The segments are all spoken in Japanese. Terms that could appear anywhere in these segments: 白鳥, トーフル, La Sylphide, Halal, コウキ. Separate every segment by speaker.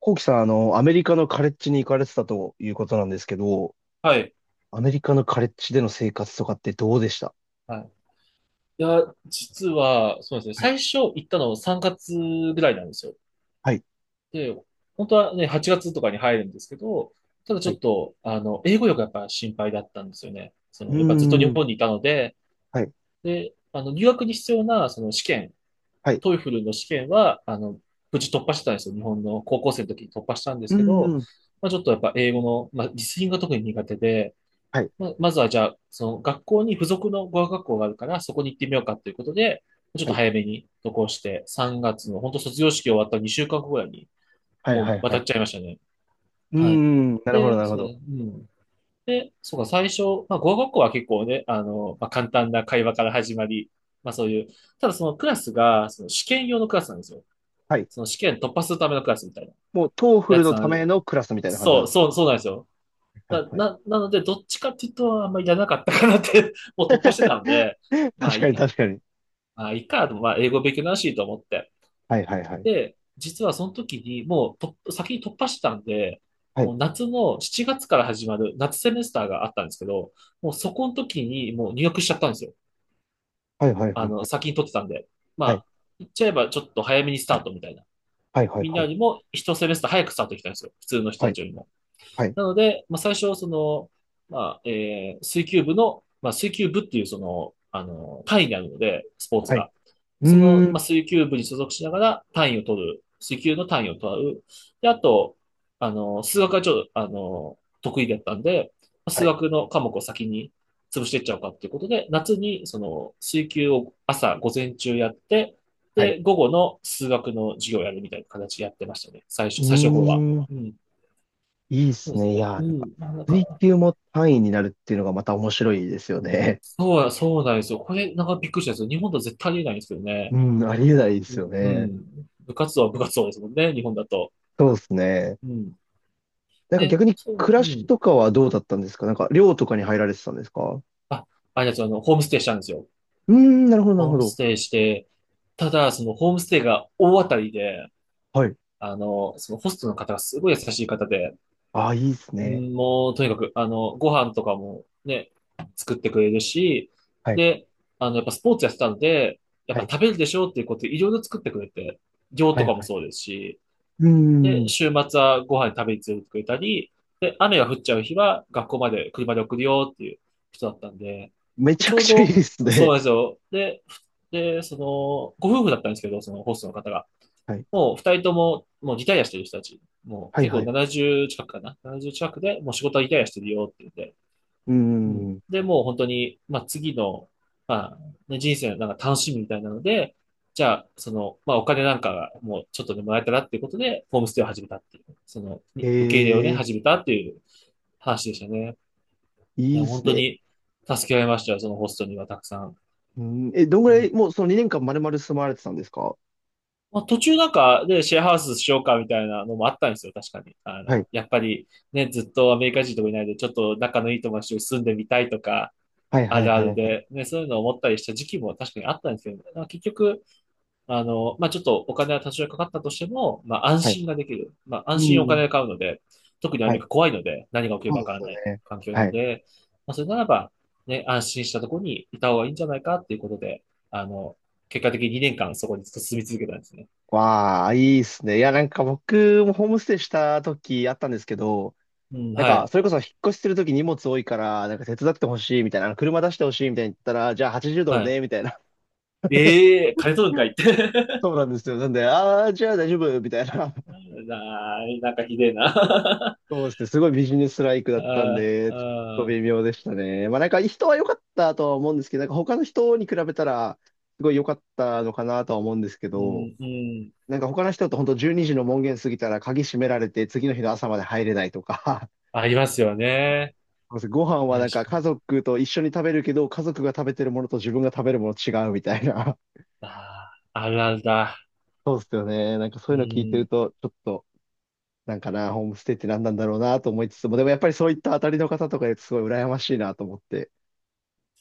Speaker 1: コウキさん、アメリカのカレッジに行かれてたということなんですけど、
Speaker 2: はい。
Speaker 1: アメリカのカレッジでの生活とかってどうでした？
Speaker 2: はい。いや、実は、そうですね。
Speaker 1: はい、
Speaker 2: 最初行ったの3月ぐらいなんですよ。
Speaker 1: はい、
Speaker 2: で、本当はね、8月とかに入るんですけど、ただち
Speaker 1: は
Speaker 2: ょ
Speaker 1: い。
Speaker 2: っと、英語力がやっぱ心配だったんですよね。そ
Speaker 1: う
Speaker 2: の、
Speaker 1: ー
Speaker 2: やっぱずっと日
Speaker 1: ん、
Speaker 2: 本にいたので、
Speaker 1: はい、
Speaker 2: で、留学に必要な、その試験、
Speaker 1: はい。
Speaker 2: トイフルの試験は、無事突破してたんですよ。日本の高校生の時に突破したんで
Speaker 1: う
Speaker 2: す
Speaker 1: ー
Speaker 2: けど、
Speaker 1: ん、
Speaker 2: まあ、ちょっとやっぱ英語の、まあ、リスニングが特に苦手で、
Speaker 1: はい、
Speaker 2: まずはじゃあ、その学校に付属の語学学校があるから、そこに行ってみようかということで、ちょっ
Speaker 1: は
Speaker 2: と
Speaker 1: い、
Speaker 2: 早めに渡航して、3月の本当卒業式終わった2週間ぐらいに、
Speaker 1: はい、
Speaker 2: も
Speaker 1: は
Speaker 2: う
Speaker 1: い、は
Speaker 2: 渡
Speaker 1: い。
Speaker 2: っ
Speaker 1: う
Speaker 2: ちゃいましたね。
Speaker 1: ー
Speaker 2: はい。
Speaker 1: ん、なるほど、
Speaker 2: で、
Speaker 1: なるほ
Speaker 2: そう、う
Speaker 1: ど。
Speaker 2: ん。で、そうか、最初、まあ、語学学校は結構ね、まあ、簡単な会話から始まり、まあそういう、ただそのクラスが、その試験用のクラスなんですよ。
Speaker 1: はい。
Speaker 2: その試験突破するためのクラスみたいな
Speaker 1: もう、トーフ
Speaker 2: や
Speaker 1: ル
Speaker 2: つ
Speaker 1: の
Speaker 2: な
Speaker 1: た
Speaker 2: ん、
Speaker 1: めのクラスみたいな感じな
Speaker 2: そ
Speaker 1: ん
Speaker 2: う、
Speaker 1: ですか
Speaker 2: そ
Speaker 1: ね？
Speaker 2: う、そうなんですよ。
Speaker 1: はい、はい。
Speaker 2: なので、どっちかっていうと、あんまりやらなかったかなって もう突破してたので、まあ、
Speaker 1: 確
Speaker 2: い
Speaker 1: か
Speaker 2: い
Speaker 1: に、
Speaker 2: や、
Speaker 1: 確かに。
Speaker 2: まあ、いいか、でもまあ、英語勉強になるしと思って。
Speaker 1: はい、はい、はい。
Speaker 2: で、実はその時に、もうと、先に突破してたんで、
Speaker 1: はい、
Speaker 2: もう夏の7月から始まる夏セメスターがあったんですけど、もうそこの時にもう入学しちゃったんですよ。
Speaker 1: はい、はい、はい、はい。
Speaker 2: 先に取ってたんで。ま
Speaker 1: はい、
Speaker 2: あ、言っちゃえばちょっと早めにスタートみたいな。
Speaker 1: はい、はい、
Speaker 2: みん
Speaker 1: は
Speaker 2: なよ
Speaker 1: い。
Speaker 2: りも一セメスター早くスタートできたんですよ。普通の人
Speaker 1: は
Speaker 2: た
Speaker 1: い、
Speaker 2: ちよりも。
Speaker 1: はい、
Speaker 2: なので、まあ、最初、その、まあ、水球部の、まあ、水球部っていう、その、単位にあるので、スポーツ
Speaker 1: はい。
Speaker 2: が。
Speaker 1: う
Speaker 2: その、
Speaker 1: ーん、
Speaker 2: まあ、水球部に所属しながら単位を取る。水球の単位を取る。で、あと、数学がちょっと、得意だったんで、まあ
Speaker 1: は
Speaker 2: 数
Speaker 1: い、
Speaker 2: 学の科目を先に潰していっちゃおうかっていうことで、夏に、その、水球を朝、午前中やって、
Speaker 1: はい。う
Speaker 2: で、午後の数学の授業をやるみたいな形でやってましたね。
Speaker 1: ー
Speaker 2: 最初の頃は。
Speaker 1: ん。
Speaker 2: うん。
Speaker 1: いいで
Speaker 2: そう
Speaker 1: す
Speaker 2: です
Speaker 1: ね。い
Speaker 2: ね。
Speaker 1: やー、な
Speaker 2: う
Speaker 1: んか、
Speaker 2: ん。まあ、なん
Speaker 1: 水
Speaker 2: か、
Speaker 1: 球も単位になるっていうのがまた面白いですよね。
Speaker 2: そう、そうなんですよ。これ、なんかびっくりしたんですよ。日本だとは絶対ありえないんですよ
Speaker 1: う
Speaker 2: ね。
Speaker 1: ん、ありえないで
Speaker 2: う
Speaker 1: すよ
Speaker 2: ん。う
Speaker 1: ね。
Speaker 2: ん部活動は部活動ですもんね、日本だと。
Speaker 1: そうですね。
Speaker 2: うん。
Speaker 1: なんか
Speaker 2: で、
Speaker 1: 逆に、
Speaker 2: そう、
Speaker 1: 暮ら
Speaker 2: う
Speaker 1: し
Speaker 2: ん。
Speaker 1: とかはどうだったんですか？なんか、寮とかに入られてたんですか？う
Speaker 2: あ、あれですよ、ホームステイしたんですよ。
Speaker 1: ーん、なるほど、なる
Speaker 2: ホー
Speaker 1: ほ
Speaker 2: ムス
Speaker 1: ど。
Speaker 2: テイして、ただ、そのホームステイが大当たりで、
Speaker 1: はい。
Speaker 2: そのホストの方がすごい優しい方で、
Speaker 1: ああ、いいです
Speaker 2: う
Speaker 1: ね。
Speaker 2: んもう、とにかく、ご飯とかもね、作ってくれるし、
Speaker 1: はい、
Speaker 2: で、やっぱスポーツやってたので、やっ
Speaker 1: は
Speaker 2: ぱ
Speaker 1: い、
Speaker 2: 食べるでしょうっていうことでいろいろ作ってくれて、量
Speaker 1: は
Speaker 2: と
Speaker 1: い、
Speaker 2: かも
Speaker 1: はい。
Speaker 2: そうですし、
Speaker 1: うー
Speaker 2: で、
Speaker 1: ん、
Speaker 2: 週末はご飯食べに連れてくれたり、で、雨が降っちゃう日は学校まで車で送るよっていう人だったんで、
Speaker 1: めち
Speaker 2: ち
Speaker 1: ゃく
Speaker 2: ょう
Speaker 1: ちゃいい
Speaker 2: ど、
Speaker 1: です
Speaker 2: そう
Speaker 1: ね。
Speaker 2: なんですよ。で、その、ご夫婦だったんですけど、そのホストの方が。
Speaker 1: はい、
Speaker 2: もう二人とも、もうリタイアしてる人たち。もう
Speaker 1: はい、
Speaker 2: 結
Speaker 1: は
Speaker 2: 構
Speaker 1: い。
Speaker 2: 70近くかな。70近くで、もう仕事はリタイアしてるよって言って。
Speaker 1: うー
Speaker 2: うん。
Speaker 1: ん、
Speaker 2: で、もう本当に、まあ、次の、まあ、ね、人生のなんか楽しみみたいなので、じゃあ、その、まあ、お金なんかがもうちょっとでもらえたらっていうことで、ホームステイを始めたっていう、その、
Speaker 1: え
Speaker 2: に受け入れをね、
Speaker 1: え、
Speaker 2: 始めたっていう話でしたね。い
Speaker 1: いい
Speaker 2: や、
Speaker 1: で
Speaker 2: 本
Speaker 1: す
Speaker 2: 当
Speaker 1: ね。
Speaker 2: に助けられましたよ、そのホストにはたくさん。
Speaker 1: うーん、え、どんぐ
Speaker 2: う
Speaker 1: ら
Speaker 2: ん。
Speaker 1: い、もうその2年間丸々住まわれてたんですか？
Speaker 2: まあ、途中なんか、で、シェアハウスしようかみたいなのもあったんですよ、確かに。
Speaker 1: はい、
Speaker 2: やっぱり、ね、ずっとアメリカ人とかいないで、ちょっと仲のいい友達と住んでみたいとか、
Speaker 1: はい、
Speaker 2: あ
Speaker 1: はい、
Speaker 2: るあ
Speaker 1: はい、は
Speaker 2: る
Speaker 1: い。
Speaker 2: で、ね、そういうのを思ったりした時期も確かにあったんですけど、まあ、結局、まあ、ちょっとお金は多少かかったとしても、まあ、安
Speaker 1: はい、
Speaker 2: 心ができる。まあ、安
Speaker 1: う
Speaker 2: 心にお
Speaker 1: ん。
Speaker 2: 金が買うので、特にアメ
Speaker 1: は
Speaker 2: リ
Speaker 1: い、
Speaker 2: カ怖いので、何が起きる
Speaker 1: そ
Speaker 2: か
Speaker 1: う
Speaker 2: わ
Speaker 1: で
Speaker 2: から
Speaker 1: すよ
Speaker 2: ない
Speaker 1: ね。
Speaker 2: 環境な
Speaker 1: は
Speaker 2: の
Speaker 1: い。
Speaker 2: で、まあ、それならば、ね、安心したところにいた方がいいんじゃないかっていうことで、あの、結果的に2年間そこに進住み続けたんですね。
Speaker 1: わあ、いいっすね。いや、なんか僕もホームステイした時あったんですけど、
Speaker 2: うん、
Speaker 1: なん
Speaker 2: は
Speaker 1: か、
Speaker 2: い、
Speaker 1: それこそ引っ越しする時荷物多いから、なんか手伝ってほしいみたいな、あの車出してほしいみたいに言ったら、じゃあ
Speaker 2: は
Speaker 1: 80ドル
Speaker 2: い。
Speaker 1: ね、みたいな。
Speaker 2: ええー、金取るんか いって。
Speaker 1: そうなんですよ。なんで、ああ、じゃあ大丈夫、みたいな。
Speaker 2: なーい、なんかひでえな。
Speaker 1: そ うですね。すごいビジネスライクだ
Speaker 2: あ
Speaker 1: ったん
Speaker 2: ー
Speaker 1: で、ちょっと
Speaker 2: あー、
Speaker 1: 微妙でしたね。まあなんか人は良かったとは思うんですけど、なんか他の人に比べたら、すごい良かったのかなとは思うんですけ
Speaker 2: う
Speaker 1: ど、
Speaker 2: ん、うん。
Speaker 1: なんか他の人と本当12時の門限過ぎたら鍵閉められて次の日の朝まで入れないとか、
Speaker 2: ありますよね。
Speaker 1: ご飯はな
Speaker 2: 確
Speaker 1: んか
Speaker 2: か
Speaker 1: 家
Speaker 2: に。
Speaker 1: 族と一緒に食べるけど、家族が食べてるものと自分が食べるもの違うみたいな。
Speaker 2: ああ、あるあるだ。
Speaker 1: そうっすよね。なんかそ
Speaker 2: う
Speaker 1: ういうの聞いてる
Speaker 2: ん。
Speaker 1: と、ちょっと、なんかな、ホームステイって何なんだろうなと思いつつも、でもやっぱりそういった当たりの方とかいるとすごい羨ましいなと思って。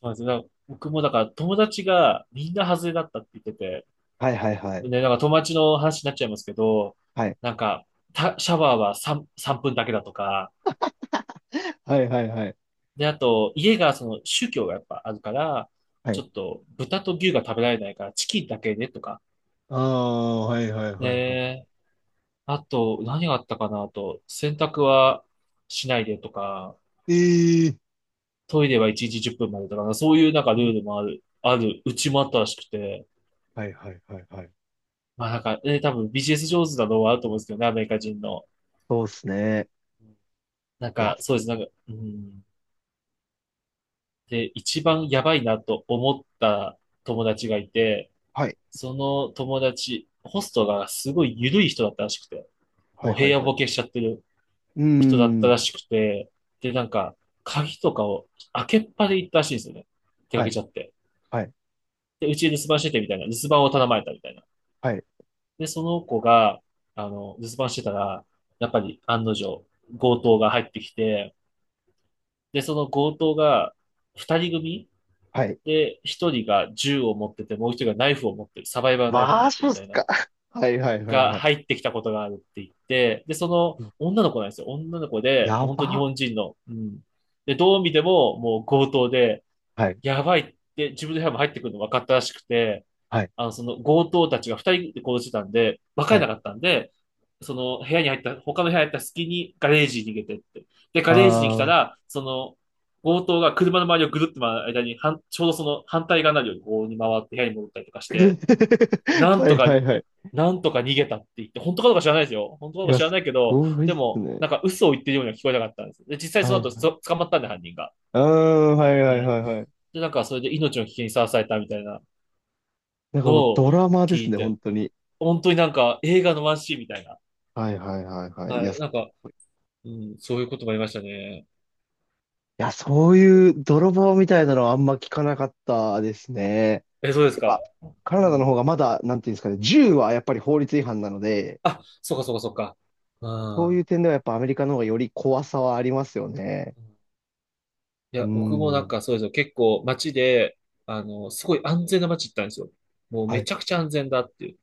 Speaker 2: そうですね。なんか僕もだから友達がみんな外れだったって言ってて、
Speaker 1: はいはいはい。
Speaker 2: ね、なんか友達の話になっちゃいますけど、
Speaker 1: はい。
Speaker 2: なんか、シャワーは3分だけだとか、
Speaker 1: はいはいはい。
Speaker 2: で、あと、家がその宗教がやっぱあるから、
Speaker 1: は
Speaker 2: ち
Speaker 1: い。
Speaker 2: ょっと豚と牛が食べられないからチキンだけねとか、
Speaker 1: ああ、はいはいはいはい。
Speaker 2: ね、あと、何があったかなあと、洗濯はしないでとか、
Speaker 1: ええ、
Speaker 2: トイレは1日10分までとかな、そういうなんかルールもある、うちもあったらしくて、
Speaker 1: はいはいはいはい。
Speaker 2: まあなんか、多分ビジネス上手なのはあると思うんですけどね、アメリカ人の。
Speaker 1: そうっすね。
Speaker 2: なん
Speaker 1: いや、
Speaker 2: か、そうです、なんか、うん。で、一番やばいなと思った友達がいて、
Speaker 1: はい。
Speaker 2: その友達、ホストがすごい緩い人だったらしくて、
Speaker 1: は
Speaker 2: も
Speaker 1: い
Speaker 2: う
Speaker 1: はい
Speaker 2: 平野
Speaker 1: はい。
Speaker 2: ボケしちゃってる
Speaker 1: うー
Speaker 2: 人だったら
Speaker 1: ん。
Speaker 2: しくて、で、なんか、鍵とかを開けっぱで行ったらしいんですよね。出か
Speaker 1: は
Speaker 2: け
Speaker 1: い、
Speaker 2: ちゃって。
Speaker 1: はい、
Speaker 2: で、うちに留守番しててみたいな、留守番を頼まれたみたいな。
Speaker 1: はい、
Speaker 2: で、その子が、留守番してたら、やっぱり案の定、強盗が入ってきて、で、その強盗が、二人組
Speaker 1: はい。
Speaker 2: で、一人が銃を持ってて、もう一人がナイフを持ってる、サバイバルナイフを持
Speaker 1: マ
Speaker 2: って
Speaker 1: ジ
Speaker 2: る
Speaker 1: っ
Speaker 2: みた
Speaker 1: す
Speaker 2: いな、
Speaker 1: か？はい、はい、はい、
Speaker 2: が
Speaker 1: はい。
Speaker 2: 入ってきたことがあるって言って、で、その女の子なんですよ。女の子で、
Speaker 1: や
Speaker 2: もう本当日
Speaker 1: ば。
Speaker 2: 本人の、うん。で、どう見ても、もう強盗で、
Speaker 1: はい、
Speaker 2: やばいって、自分の部屋も入ってくるの分かったらしくて、
Speaker 1: はい、
Speaker 2: その強盗たちが二人で行動してたんで、わかれ
Speaker 1: は
Speaker 2: な
Speaker 1: い。
Speaker 2: かったんで、その部屋に入った、他の部屋に入った隙にガレージに逃げてって。で、ガレージに来た
Speaker 1: あー。
Speaker 2: ら、その強盗が車の周りをぐるっと回る間に、ちょうどその反対側になるようにこうに回って部屋に戻ったりとか して、なん
Speaker 1: は
Speaker 2: と
Speaker 1: い、
Speaker 2: か、
Speaker 1: はい、はい。
Speaker 2: なんとか逃げたって言って、本当かどうか知らないですよ。本当かど
Speaker 1: い
Speaker 2: うか
Speaker 1: や、
Speaker 2: 知ら
Speaker 1: す
Speaker 2: ないけど、
Speaker 1: ごいっ
Speaker 2: で
Speaker 1: す
Speaker 2: も、
Speaker 1: ね。
Speaker 2: なんか嘘を言ってるようには聞こえなかったんです。で、実際
Speaker 1: は
Speaker 2: その
Speaker 1: い、は
Speaker 2: 後
Speaker 1: い。
Speaker 2: 捕まったんで、犯人が。
Speaker 1: うーん、はい、はい、はい、はい。
Speaker 2: で、なんかそれで命の危険にさらされたみたいな
Speaker 1: なんか
Speaker 2: の
Speaker 1: もうド
Speaker 2: を
Speaker 1: ラマで
Speaker 2: 聞
Speaker 1: す
Speaker 2: い
Speaker 1: ね、本
Speaker 2: て、
Speaker 1: 当に。
Speaker 2: 本当になんか映画のワンシーンみたいな。
Speaker 1: はい、はい、はい、はい。いや、
Speaker 2: はい。
Speaker 1: すごい。い
Speaker 2: そういうこともありましたね。
Speaker 1: や、そういう泥棒みたいなのはあんま聞かなかったですね。
Speaker 2: え、そうです
Speaker 1: やっ
Speaker 2: か。
Speaker 1: ぱ、カ
Speaker 2: う
Speaker 1: ナダの
Speaker 2: ん。
Speaker 1: 方がまだ、なんていうんですかね、銃はやっぱり法律違反なので、
Speaker 2: あ、そうかそうかそうか。う
Speaker 1: そういう
Speaker 2: ん。
Speaker 1: 点ではやっぱアメリカの方がより怖さはありますよね。
Speaker 2: い
Speaker 1: うー
Speaker 2: や、僕もなん
Speaker 1: ん。
Speaker 2: かそうですよ。結構街で、すごい安全な街行ったんですよ。もう
Speaker 1: は
Speaker 2: め
Speaker 1: い、
Speaker 2: ちゃくちゃ安全だっていう。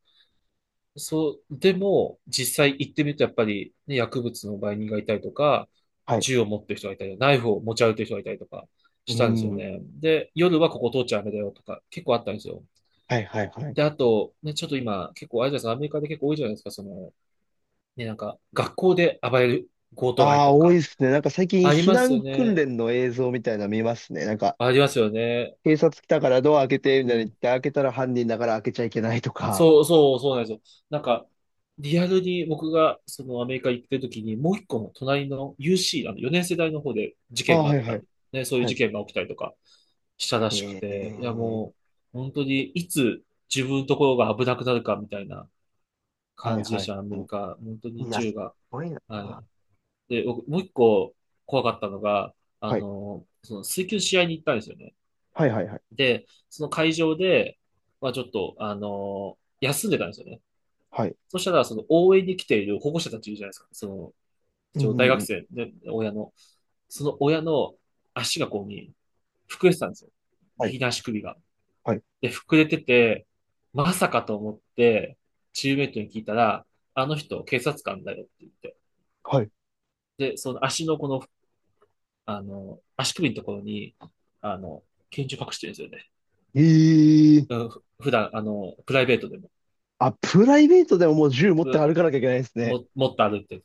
Speaker 2: そう、でも、実際行ってみるとやっぱり、ね、薬物の売人がいたりとか、
Speaker 1: はい。
Speaker 2: 銃を持ってる人がいたり、ナイフを持ち歩いてる人がいたりとか
Speaker 1: うー
Speaker 2: したんですよ
Speaker 1: ん。
Speaker 2: ね。で、夜はここ通っちゃダメだよとか、結構あったんですよ。
Speaker 1: はい、はい、はい。
Speaker 2: で、あと、ね、ちょっと今、結構、あれじゃないですか、アメリカで結構多いじゃないですか、その、ね、なんか、学校で暴れる強盗が入っ
Speaker 1: あ
Speaker 2: た
Speaker 1: あ、
Speaker 2: と
Speaker 1: 多い
Speaker 2: か。
Speaker 1: ですね。なんか最近
Speaker 2: あり
Speaker 1: 避
Speaker 2: ますよ
Speaker 1: 難訓
Speaker 2: ね。
Speaker 1: 練の映像みたいなの見ますね。なんか、
Speaker 2: ありますよね。
Speaker 1: 警察来たからドア開けて、み
Speaker 2: う
Speaker 1: たいに言っ
Speaker 2: ん。
Speaker 1: て、開けたら犯人だから開けちゃいけないとか。
Speaker 2: そうそう、そうなんですよ。なんか、リアルに僕が、その、アメリカ行ってる時に、もう一個の隣の UC、4年世代の方で事
Speaker 1: あ
Speaker 2: 件
Speaker 1: あ、
Speaker 2: があ
Speaker 1: は
Speaker 2: っ
Speaker 1: い、は
Speaker 2: た
Speaker 1: い、
Speaker 2: り、ね、そういう
Speaker 1: は
Speaker 2: 事
Speaker 1: い。
Speaker 2: 件が起きたりとかしたらしく
Speaker 1: え
Speaker 2: て、
Speaker 1: え
Speaker 2: いや、
Speaker 1: ー、
Speaker 2: もう、本当に、いつ自分のところが危なくなるかみたいな
Speaker 1: は
Speaker 2: 感
Speaker 1: い、
Speaker 2: じで
Speaker 1: は
Speaker 2: し
Speaker 1: い。
Speaker 2: た、アメ
Speaker 1: う
Speaker 2: リカ。本当
Speaker 1: ん、
Speaker 2: に
Speaker 1: いや、
Speaker 2: 銃
Speaker 1: す
Speaker 2: が。
Speaker 1: ごいな。
Speaker 2: はい。で、僕、もう一個怖かったのが、
Speaker 1: はい、
Speaker 2: その水球試合に行ったんですよね。
Speaker 1: はい、はい、はい。
Speaker 2: で、その会場で、まあちょっと、休んでたんですよね。
Speaker 1: はい。
Speaker 2: そしたら、その応援に来ている保護者たちいるじゃないですか。その、
Speaker 1: う
Speaker 2: 一応大
Speaker 1: ん、うん、
Speaker 2: 学
Speaker 1: うん。
Speaker 2: 生、ね、親の。その親の足がこうに、膨れてたんですよ。
Speaker 1: はい、
Speaker 2: 右の足首が。
Speaker 1: はい、
Speaker 2: で、膨れてて、まさかと思って、チームメイトに聞いたら、あの人、警察官だよって言って。
Speaker 1: はい。
Speaker 2: で、その足のこの足首のところに、あの、拳銃隠してるんですよね。
Speaker 1: ええー。
Speaker 2: うんふ普段、プライベートでも、
Speaker 1: あ、プライベートでももう銃持って
Speaker 2: う
Speaker 1: 歩かなきゃいけないですね。
Speaker 2: 持って歩いてる。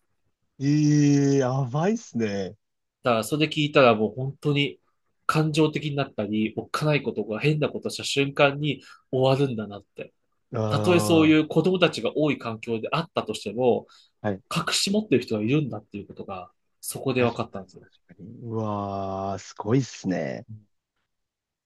Speaker 1: ええ、やばいっすね。
Speaker 2: だから、それ聞いたらもう本当に感情的になったり、おっかないことが変なことした瞬間に終わるんだなって。たとえそう
Speaker 1: あ
Speaker 2: いう子供たちが多い環境であったとしても、
Speaker 1: あ、はい。
Speaker 2: 隠し持ってる人がいるんだっていうことが、そこで分
Speaker 1: 確
Speaker 2: かった
Speaker 1: か
Speaker 2: んで
Speaker 1: に、
Speaker 2: すよ。
Speaker 1: 確かに。うわー、すごいっすね。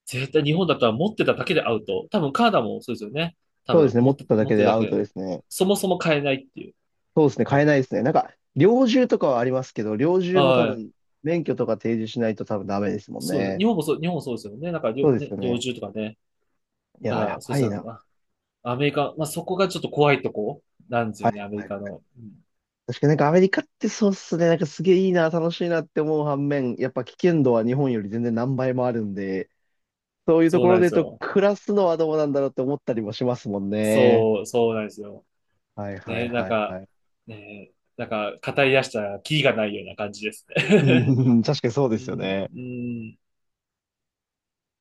Speaker 2: 絶対日本だったら持ってただけでアウト。多分カナダもそうですよね。多
Speaker 1: そうで
Speaker 2: 分
Speaker 1: すね。
Speaker 2: 持
Speaker 1: 持っ
Speaker 2: っ
Speaker 1: て
Speaker 2: て、
Speaker 1: ただ
Speaker 2: 持っ
Speaker 1: け
Speaker 2: て
Speaker 1: で
Speaker 2: るだ
Speaker 1: アウト
Speaker 2: け。
Speaker 1: ですね。
Speaker 2: そもそも買えないっていう。
Speaker 1: そうですね。
Speaker 2: う
Speaker 1: 買え
Speaker 2: ん。
Speaker 1: ないですね。なんか、猟銃とかはありますけど、猟銃も多
Speaker 2: はい。
Speaker 1: 分、免許とか提示しないと多分ダメですもん
Speaker 2: そうです。
Speaker 1: ね。
Speaker 2: 日本もそう、日本もそうですよね。なんか、
Speaker 1: そ
Speaker 2: 猟
Speaker 1: うです
Speaker 2: ね、
Speaker 1: よ
Speaker 2: 猟
Speaker 1: ね。
Speaker 2: 銃とかね。
Speaker 1: い
Speaker 2: た
Speaker 1: やー、や
Speaker 2: だ、そう
Speaker 1: ば
Speaker 2: で
Speaker 1: い
Speaker 2: すね。
Speaker 1: な。
Speaker 2: アメリカ、まあ、そこがちょっと怖いとこなんです
Speaker 1: はい、
Speaker 2: よね、アメ
Speaker 1: は
Speaker 2: リ
Speaker 1: い、
Speaker 2: カ
Speaker 1: はい。
Speaker 2: の。うん、
Speaker 1: 確かになんかアメリカってそうっすね。なんかすげえいいな、楽しいなって思う反面、やっぱ危険度は日本より全然何倍もあるんで、そういうと
Speaker 2: そ
Speaker 1: こ
Speaker 2: う
Speaker 1: ろ
Speaker 2: なんで
Speaker 1: で言
Speaker 2: す
Speaker 1: うと、
Speaker 2: よ。
Speaker 1: 暮らすのはどうなんだろうって思ったりもしますもんね。
Speaker 2: そう、そうなんですよ。
Speaker 1: はいはい
Speaker 2: ね、なん
Speaker 1: はい
Speaker 2: か、
Speaker 1: はい。
Speaker 2: ね、なんか、語り出したら、キリがないような感じです
Speaker 1: う
Speaker 2: ね。
Speaker 1: ん、確かにそう で
Speaker 2: う
Speaker 1: すよ
Speaker 2: ん、
Speaker 1: ね。
Speaker 2: うん